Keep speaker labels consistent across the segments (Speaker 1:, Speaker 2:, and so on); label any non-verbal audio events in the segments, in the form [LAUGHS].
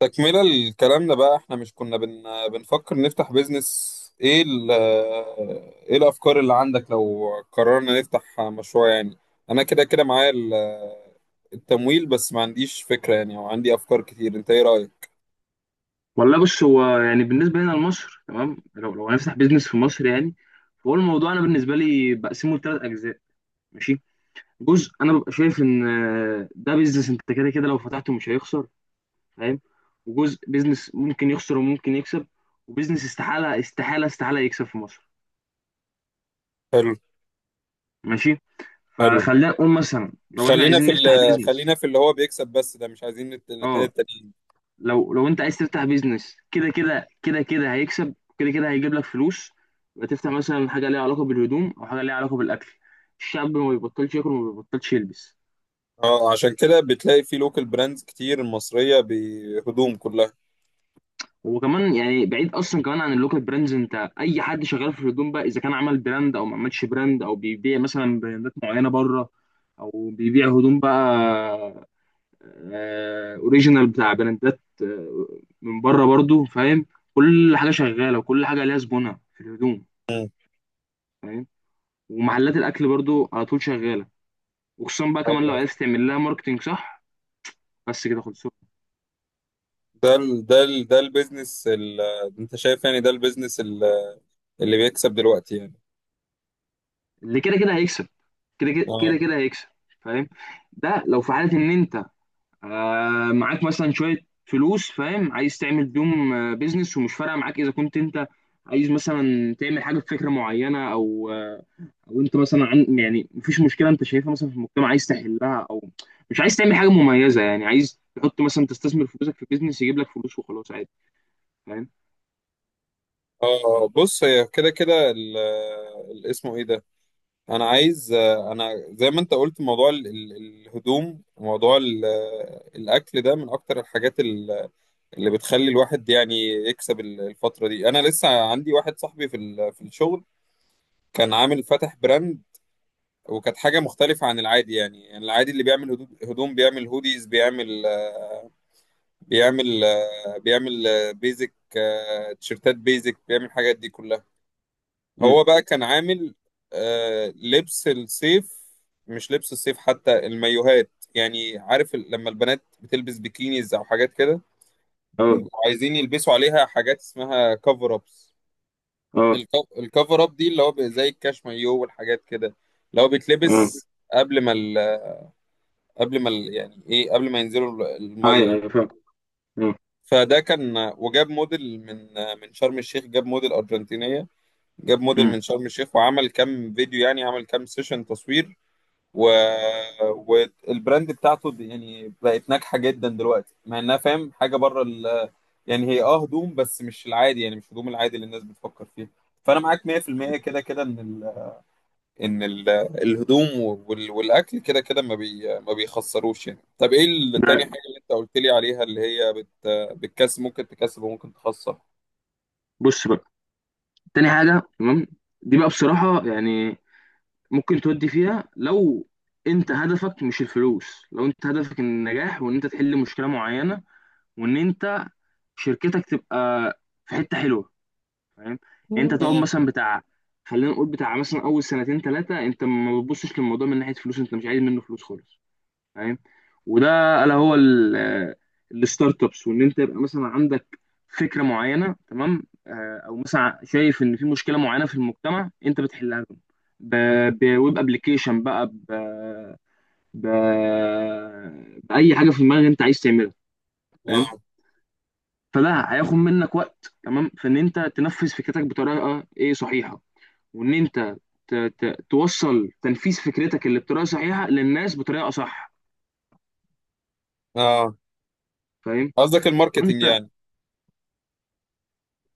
Speaker 1: تكملة لكلامنا بقى، احنا مش كنا بنفكر نفتح بيزنس. ايه الافكار اللي عندك لو قررنا نفتح مشروع يعني؟ انا كده كده معايا التمويل، بس ما عنديش فكرة يعني، او عندي افكار كتير. انت ايه رأيك؟
Speaker 2: والله، بص. هو يعني بالنسبه لنا لمصر، تمام. لو هنفتح بيزنس في مصر، يعني. فهو الموضوع، انا بالنسبه لي بقسمه لثلاث اجزاء. ماشي. جزء انا ببقى شايف ان ده بيزنس انت كده كده لو فتحته مش هيخسر. فاهم. وجزء بيزنس ممكن يخسر وممكن يكسب. وبيزنس استحاله استحاله استحاله يكسب في مصر.
Speaker 1: حلو،
Speaker 2: ماشي.
Speaker 1: حلو.
Speaker 2: فخلينا نقول مثلا لو احنا عايزين نفتح
Speaker 1: خلينا
Speaker 2: بيزنس.
Speaker 1: في اللي هو بيكسب بس، ده مش عايزين الاتنين
Speaker 2: اه.
Speaker 1: التانيين.
Speaker 2: لو انت عايز تفتح بيزنس، كده كده كده كده هيكسب، كده كده هيجيب لك فلوس. يبقى تفتح مثلا حاجه ليها علاقه بالهدوم او حاجه ليها علاقه بالاكل. الشعب ما بيبطلش ياكل وما بيبطلش يلبس.
Speaker 1: اه، عشان كده بتلاقي في لوكال براندز كتير مصرية بهدوم كلها.
Speaker 2: وكمان يعني بعيد اصلا كمان عن اللوكال براندز، انت اي حد شغال في الهدوم بقى، اذا كان عمل براند او ما عملش براند او بيبيع مثلا براندات معينه بره، او بيبيع هدوم بقى اوريجينال بتاع براندات من بره برضو. فاهم. كل حاجه شغاله وكل حاجه ليها زبونها في الهدوم. فاهم. ومحلات الاكل برضو على طول شغاله. وخصوصا بقى كمان لو
Speaker 1: مم.
Speaker 2: عرفت تعمل لها ماركتنج صح. بس كده خلصوا.
Speaker 1: ده البيزنس انت شايف يعني ده البيزنس اللي بيكسب دلوقتي يعني؟
Speaker 2: اللي كده كده هيكسب، كده كده
Speaker 1: اه،
Speaker 2: كده كده هيكسب. فاهم. ده لو في حاله ان انت معاك مثلا شويه فلوس، فاهم، عايز تعمل بيهم بيزنس ومش فارقه معاك، اذا كنت انت عايز مثلا تعمل حاجه بفكره معينه او او انت مثلا عن يعني مفيش مشكله انت شايفها مثلا في المجتمع عايز تحلها، او مش عايز تعمل حاجه مميزه يعني، عايز تحط مثلا تستثمر فلوسك في بيزنس يجيب لك فلوس وخلاص، عادي. فاهم.
Speaker 1: اه، بص، هي كده كده اسمه ايه ده؟ انا عايز، انا زي ما انت قلت، موضوع الهدوم، موضوع الاكل، ده من اكتر الحاجات اللي بتخلي الواحد يعني يكسب الفترة دي. انا لسه عندي واحد صاحبي في الشغل، كان عامل فاتح براند، وكانت حاجة مختلفة عن العادي. يعني العادي اللي بيعمل هدوم، بيعمل هوديز، بيعمل بيزك، تيشيرتات بيزك، بيعمل الحاجات دي كلها.
Speaker 2: مم.
Speaker 1: هو بقى كان عامل لبس الصيف. مش لبس الصيف، حتى المايوهات، يعني عارف لما البنات بتلبس بيكينيز او حاجات كده،
Speaker 2: اه
Speaker 1: بيبقوا عايزين يلبسوا عليها حاجات اسمها كفر ابس.
Speaker 2: اه
Speaker 1: الكفر اب دي اللي هو زي الكاش مايو والحاجات كده، اللي هو
Speaker 2: اه.
Speaker 1: بيتلبس قبل ما ينزلوا
Speaker 2: ايوه،
Speaker 1: الميه.
Speaker 2: ايوه فاهم. اه.
Speaker 1: فده كان، وجاب موديل من شرم الشيخ. جاب موديل أرجنتينية، جاب موديل
Speaker 2: امم.
Speaker 1: من شرم الشيخ وعمل كام فيديو، يعني عمل كام سيشن تصوير. و... والبراند بتاعته يعني بقت ناجحة جدا دلوقتي، مع انها فاهم حاجة بره يعني هي اه، هدوم بس مش العادي، يعني مش هدوم العادي اللي الناس بتفكر فيه. فانا معاك 100% كده كده، ان الهدوم والاكل كده كده، ما بيخسروش يعني. طب ايه التاني
Speaker 2: ده
Speaker 1: حاجه اللي انت قلت لي عليها، اللي هي بتكسب، ممكن تكسب وممكن تخسر؟
Speaker 2: بص بقى، تاني حاجه تمام. دي بقى بصراحه يعني ممكن تودي فيها لو انت هدفك مش الفلوس، لو انت هدفك النجاح وان انت تحل مشكله معينه وان انت شركتك تبقى في حته حلوه. فاهم. يعني انت
Speaker 1: مم.
Speaker 2: تقعد مثلا بتاع، خلينا نقول بتاع مثلا اول سنتين ثلاثه، انت ما بتبصش للموضوع من ناحيه فلوس، انت مش عايز منه فلوس خالص. فاهم. وده الا هو الستارت ابس، وان انت يبقى مثلا عندك فكره معينه، تمام، او مثلا شايف ان في مشكله معينه في المجتمع انت بتحلها لهم، بويب ابلكيشن بقى، ب... باي حاجه في دماغك انت عايز تعملها. فاهم.
Speaker 1: اه،
Speaker 2: فده هياخد منك وقت، تمام، في ان انت تنفذ فكرتك بطريقه ايه صحيحه، وان انت توصل تنفيذ فكرتك اللي بطريقه صحيحه للناس بطريقه صح.
Speaker 1: آه.
Speaker 2: فاهم.
Speaker 1: قصدك
Speaker 2: فانت
Speaker 1: الماركتينج يعني؟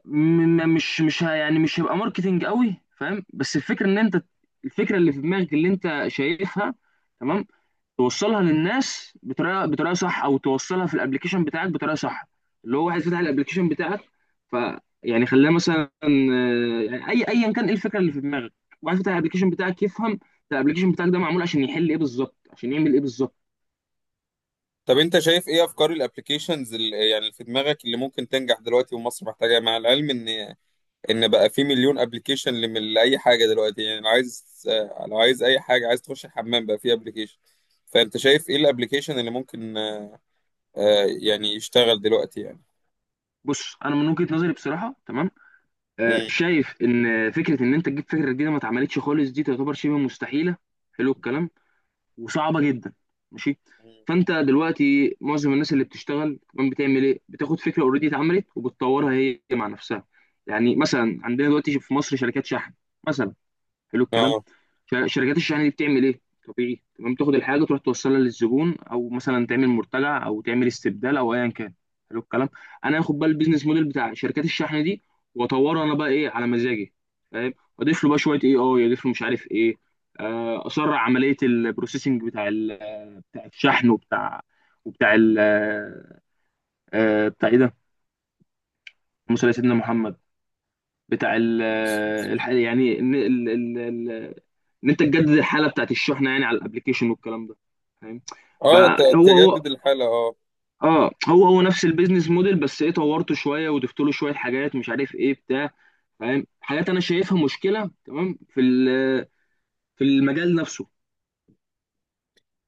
Speaker 2: مش يعني مش هيبقى ماركتينج قوي، فاهم، بس الفكره ان انت، الفكره اللي في دماغك اللي انت شايفها، تمام، توصلها للناس بطريقه صح، او توصلها في الابلكيشن بتاعك بطريقه صح. اللي هو واحد فتح الابلكيشن بتاعك، ف، يعني خلاه مثلا يعني ايا كان ايه الفكره اللي في دماغك، واحد فتح الابلكيشن بتاعك يفهم الابلكيشن بتاعك ده معمول عشان يحل ايه بالظبط، عشان يعمل ايه بالظبط.
Speaker 1: طب انت شايف ايه افكار الابلكيشنز يعني اللي في دماغك اللي ممكن تنجح دلوقتي، ومصر محتاجاها؟ مع العلم ان بقى في مليون ابلكيشن لاي حاجه دلوقتي، يعني لو عايز اي حاجه، عايز تخش الحمام بقى في ابلكيشن. فانت شايف ايه الابلكيشن اللي ممكن يعني يشتغل دلوقتي يعني؟
Speaker 2: بص انا من وجهه نظري بصراحه، تمام،
Speaker 1: مم.
Speaker 2: شايف ان فكره ان انت تجيب فكره جديده ما اتعملتش خالص، دي تعتبر شبه مستحيله. حلو الكلام. وصعبه جدا. ماشي.
Speaker 1: مم.
Speaker 2: فانت دلوقتي معظم الناس اللي بتشتغل كمان بتعمل ايه؟ بتاخد فكره اوريدي اتعملت وبتطورها هي مع نفسها. يعني مثلا عندنا دلوقتي في مصر شركات شحن مثلا. حلو الكلام.
Speaker 1: اه،
Speaker 2: فشركات الشحن دي بتعمل ايه؟ طبيعي، تمام، تاخد الحاجه تروح توصلها للزبون، او مثلا تعمل مرتجع، او تعمل استبدال، او ايا كان. حلو الكلام. انا هاخد بقى البيزنس موديل بتاع شركات الشحن دي واطوره انا بقى ايه على مزاجي. فاهم. اضيف له بقى شويه، اي اي اضيف له مش عارف ايه، اسرع عمليه البروسيسنج بتاع بتاع الشحن وبتاع، وبتاع ال بتاع ايه ده؟ اللهم صل على سيدنا محمد. بتاع ال يعني ان انت تجدد الحاله بتاعت الشحنه يعني على الابلكيشن والكلام ده. فاهم.
Speaker 1: اه،
Speaker 2: فهو هو،
Speaker 1: تجدد الحالة، اه.
Speaker 2: اه هو هو نفس البيزنس موديل، بس ايه؟ طورته شويه وضفت له شويه حاجات مش عارف ايه بتاع، فاهم، حاجات انا شايفها مشكله، تمام، في في المجال نفسه.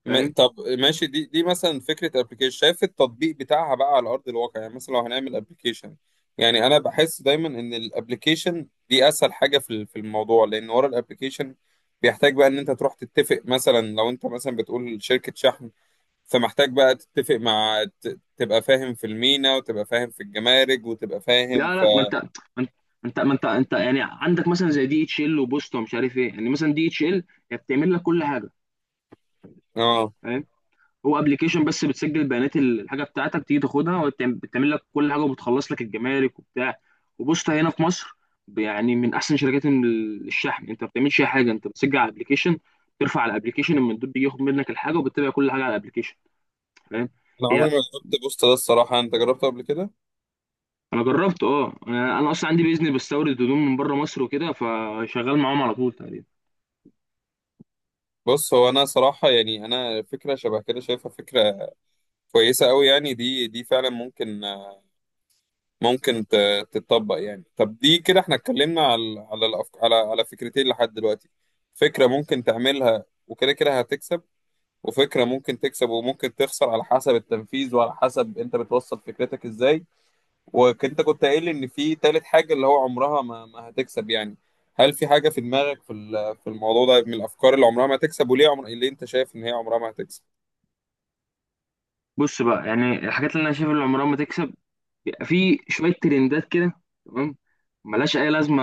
Speaker 2: فاهم.
Speaker 1: طب ماشي. دي مثلا فكرة ابلكيشن، شايف التطبيق بتاعها بقى على ارض الواقع يعني؟ مثلا لو هنعمل ابلكيشن، يعني انا بحس دايما ان الابلكيشن دي اسهل حاجة في الموضوع، لان ورا الابلكيشن بيحتاج بقى ان انت تروح تتفق. مثلا لو انت مثلا بتقول شركة شحن، فمحتاج بقى تتفق مع، تبقى فاهم في المينا، وتبقى فاهم في الجمارك، وتبقى فاهم
Speaker 2: لا
Speaker 1: في...
Speaker 2: لا، ما انت ما انت ما انت ما انت انت يعني عندك مثلا زي دي اتش ال وبوسطه ومش عارف ايه، يعني مثلا دي اتش ال هي بتعمل لك كل حاجه.
Speaker 1: اه،
Speaker 2: فاهم؟ هو ابلكيشن بس بتسجل بيانات الحاجه بتاعتك، تيجي تاخدها وبتعمل لك كل حاجه وبتخلص لك الجمارك وبتاع. وبص هنا في مصر، يعني من احسن شركات الشحن انت ما بتعملش اي حاجه، انت بتسجل على الابلكيشن، ترفع على الابلكيشن، المندوب بيجي ياخد منك الحاجه وبتتابع كل حاجه على الابلكيشن. فاهم.
Speaker 1: انا
Speaker 2: هي
Speaker 1: عمري ما جربت بوست ده الصراحة. انت جربته قبل كده؟
Speaker 2: انا جربت، اه، أنا اصلا عندي بيزنس بستورد هدوم من بره مصر وكده، فشغال معاهم على طول تقريبا.
Speaker 1: بص، هو انا صراحه يعني، انا فكره شبه كده شايفها فكره كويسه قوي يعني، دي فعلا ممكن، تتطبق يعني. طب دي كده احنا اتكلمنا على على الأفك... على على فكرتين لحد دلوقتي. فكره ممكن تعملها وكده كده هتكسب، وفكره ممكن تكسب وممكن تخسر على حسب التنفيذ وعلى حسب انت بتوصل فكرتك ازاي. وانت كنت قايل لي ان في تالت حاجه اللي هو عمرها ما هتكسب يعني. هل في حاجه في دماغك في الموضوع ده من الافكار اللي عمرها ما هتكسب، وليه اللي انت شايف ان هي عمرها ما هتكسب؟
Speaker 2: بص بقى، يعني الحاجات اللي انا شايف اللي عمرها ما تكسب، بيبقى في شويه ترندات كده، تمام، ملهاش اي لازمه،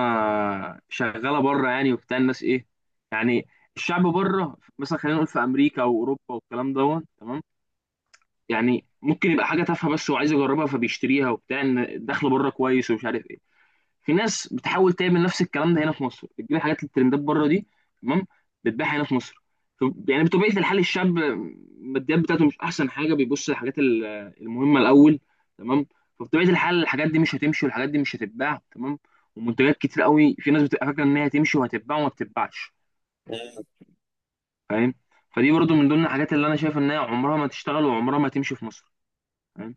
Speaker 2: شغاله بره يعني وبتاع. الناس ايه يعني؟ الشعب بره مثلا، خلينا نقول في امريكا او اوروبا والكلام دوت، تمام، يعني ممكن يبقى حاجه تافهه بس وعايز يجربها فبيشتريها وبتاع، ان الدخل بره كويس ومش عارف. في ناس بتحاول تعمل نفس الكلام ده هنا في مصر، بتجيب الحاجات الترندات بره دي، تمام، بتبيعها هنا في مصر. يعني بطبيعه الحال الشاب الماديات بتاعته مش احسن حاجه، بيبص للحاجات المهمه الاول، تمام، فبطبيعه الحال الحاجات دي مش هتمشي، والحاجات دي مش هتتباع، تمام. ومنتجات كتير قوي في ناس بتبقى فاكره ان هي هتمشي وهتتباع وما بتتباعش.
Speaker 1: مم.
Speaker 2: فاهم. فدي برضو من ضمن الحاجات اللي انا شايف ان هي عمرها ما تشتغل وعمرها ما تمشي في مصر. فاهم.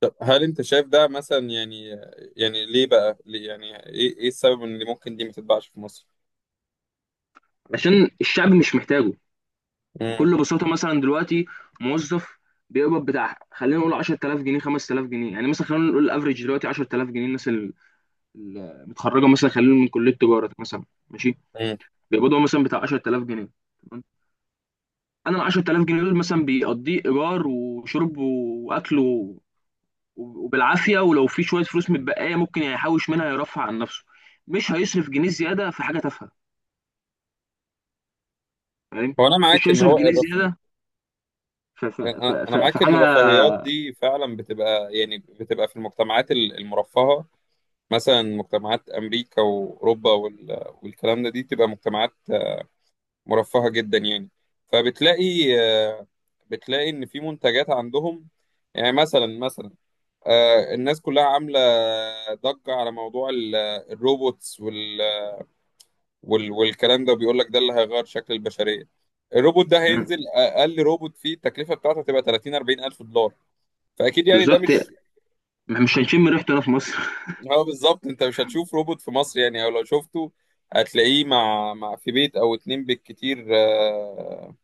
Speaker 1: طب هل انت شايف ده مثلا يعني، يعني ليه بقى، ليه يعني، ايه السبب ان اللي ممكن دي ما تتباعش في مصر؟
Speaker 2: عشان الشعب مش محتاجه.
Speaker 1: امم.
Speaker 2: بكل بساطه، مثلا دلوقتي موظف بيقبض بتاع، خلينا نقول 10000 جنيه، 5000 جنيه، يعني مثلا خلينا نقول الافريج دلوقتي 10000 جنيه، الناس المتخرجه مثلا، خلينا نقول من كليه تجاره مثلا. ماشي.
Speaker 1: امم.
Speaker 2: بيقبضوا مثلا بتاع 10000 جنيه، تمام؟ انا ال 10000 جنيه دول مثلا بيقضيه ايجار وشرب واكل وبالعافيه، ولو في شويه فلوس متبقيه ممكن يحوش منها يرفع عن نفسه. مش هيصرف جنيه زياده في حاجه تافهه. فاهم.
Speaker 1: هو انا
Speaker 2: مش
Speaker 1: معاك ان
Speaker 2: هيصرف
Speaker 1: هو
Speaker 2: جنيه
Speaker 1: الرفاه.
Speaker 2: زياده في
Speaker 1: انا أنا معاك ان
Speaker 2: حاجه.
Speaker 1: الرفاهيات دي فعلا بتبقى، يعني بتبقى في المجتمعات المرفهه. مثلا مجتمعات امريكا واوروبا والكلام ده، دي بتبقى مجتمعات مرفهه جدا يعني. فبتلاقي آه، بتلاقي ان في منتجات عندهم. يعني مثلا الناس كلها عاملة ضجة على موضوع الروبوتس والكلام ده، وبيقول لك ده اللي هيغير شكل البشرية. الروبوت ده
Speaker 2: مم.
Speaker 1: هينزل، أقل روبوت فيه التكلفة بتاعته هتبقى 30 40 ألف دولار. فأكيد يعني ده
Speaker 2: بالظبط.
Speaker 1: مش...
Speaker 2: مش هنشم ريحته هنا في مصر. [LAUGHS]
Speaker 1: هو بالظبط، أنت مش هتشوف روبوت في مصر يعني، أو لو شفته هتلاقيه مع في بيت أو اتنين بالكتير،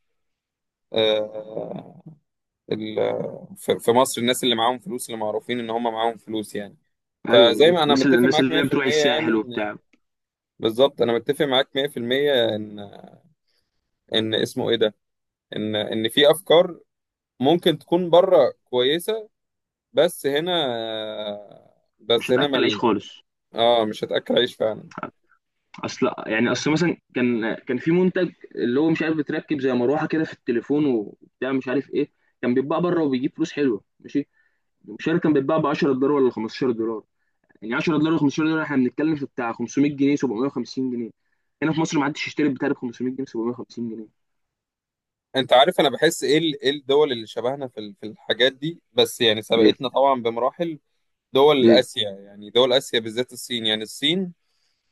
Speaker 1: آه، آه، في مصر الناس اللي معاهم فلوس، اللي معروفين إن هم معاهم فلوس يعني،
Speaker 2: ايوه
Speaker 1: فزي
Speaker 2: بالظبط،
Speaker 1: ما أنا
Speaker 2: الناس اللي
Speaker 1: متفق
Speaker 2: الناس
Speaker 1: معاك
Speaker 2: اللي هي بتروح
Speaker 1: 100%
Speaker 2: الساحل
Speaker 1: يعني.
Speaker 2: وبتاع،
Speaker 1: بالظبط انا متفق معاك 100% ان، ان اسمه ايه ده ان ان في افكار ممكن تكون بره كويسه، بس هنا،
Speaker 2: مش
Speaker 1: بس هنا من
Speaker 2: هتاكل عيش
Speaker 1: ال-
Speaker 2: خالص.
Speaker 1: اه، مش هتاكل عيش فعلا.
Speaker 2: اصل يعني اصل مثلا، كان في منتج اللي هو مش عارف بتركب زي مروحه كده في التليفون وبتاع مش عارف ايه، كان بيتباع بره وبيجيب فلوس حلوه، ماشي. مش عارف كان بيتباع ب 10 دولار ولا 15 دولار، يعني 10 دولار و15 دولار احنا بنتكلم في بتاع 500 جنيه، 750 جنيه. هنا في مصر ما حدش يشتري بتاع ب 500 جنيه، 750 جنيه.
Speaker 1: انت عارف انا بحس ايه ايه الدول اللي شبهنا في الحاجات دي، بس يعني
Speaker 2: ايه،
Speaker 1: سبقتنا طبعا بمراحل. دول
Speaker 2: ايه،
Speaker 1: اسيا، يعني دول اسيا بالذات الصين، يعني الصين،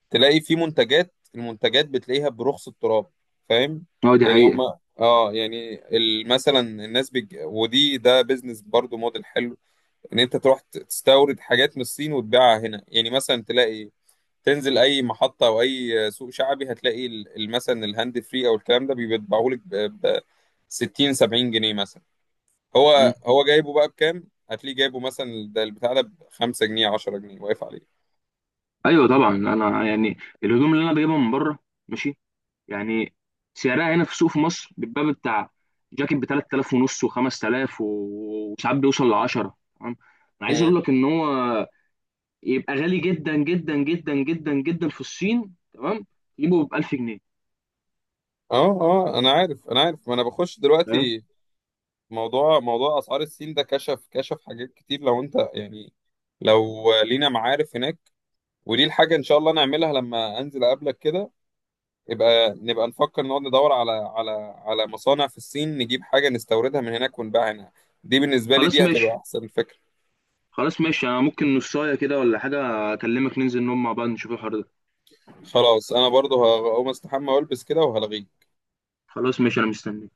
Speaker 1: تلاقي في منتجات، المنتجات بتلاقيها برخص التراب فاهم.
Speaker 2: اه دي
Speaker 1: يعني هم
Speaker 2: حقيقه.
Speaker 1: اه، يعني مثلا الناس ودي ده بيزنس برضو موديل حلو، ان انت تروح تستورد حاجات من الصين وتبيعها هنا. يعني مثلا تلاقي، تنزل اي محطة او اي سوق شعبي هتلاقي مثلا الهاند فري او الكلام ده بيتباعهولك ب 60 70 جنيه مثلا.
Speaker 2: مم.
Speaker 1: هو جايبه بقى بكام؟ هتلاقيه جايبه مثلا، ده البتاع ده ب 5 جنيه 10 جنيه واقف عليه.
Speaker 2: ايوه طبعا، انا يعني الهدوم اللي انا بجيبها من بره، ماشي، يعني سعرها هنا في السوق في مصر بيبقى بتاع جاكيت ب 3000 ونص و5000، وساعات بيوصل ل 10، تمام. انا عايز اقول لك ان هو يبقى غالي جدا جدا جدا جدا جدا في الصين، تمام، يجيبه ب 1000 جنيه.
Speaker 1: اه، اه، انا عارف. ما انا بخش
Speaker 2: فاهم.
Speaker 1: دلوقتي موضوع اسعار السين، ده كشف حاجات كتير. لو انت يعني، لو لينا معارف هناك، ودي الحاجة ان شاء الله نعملها لما انزل اقابلك كده، يبقى نبقى نفكر، نقعد ندور على مصانع في الصين، نجيب حاجة نستوردها من هناك ونبيعها هنا. دي بالنسبة لي،
Speaker 2: خلاص
Speaker 1: دي هتبقى
Speaker 2: ماشي.
Speaker 1: احسن فكرة.
Speaker 2: خلاص ماشي، انا ممكن نصايه كده ولا حاجه اكلمك ننزل نقعد مع بعض نشوف الحوار ده.
Speaker 1: خلاص، انا برضو هقوم استحمى والبس كده، وهلغيك.
Speaker 2: خلاص ماشي انا مستني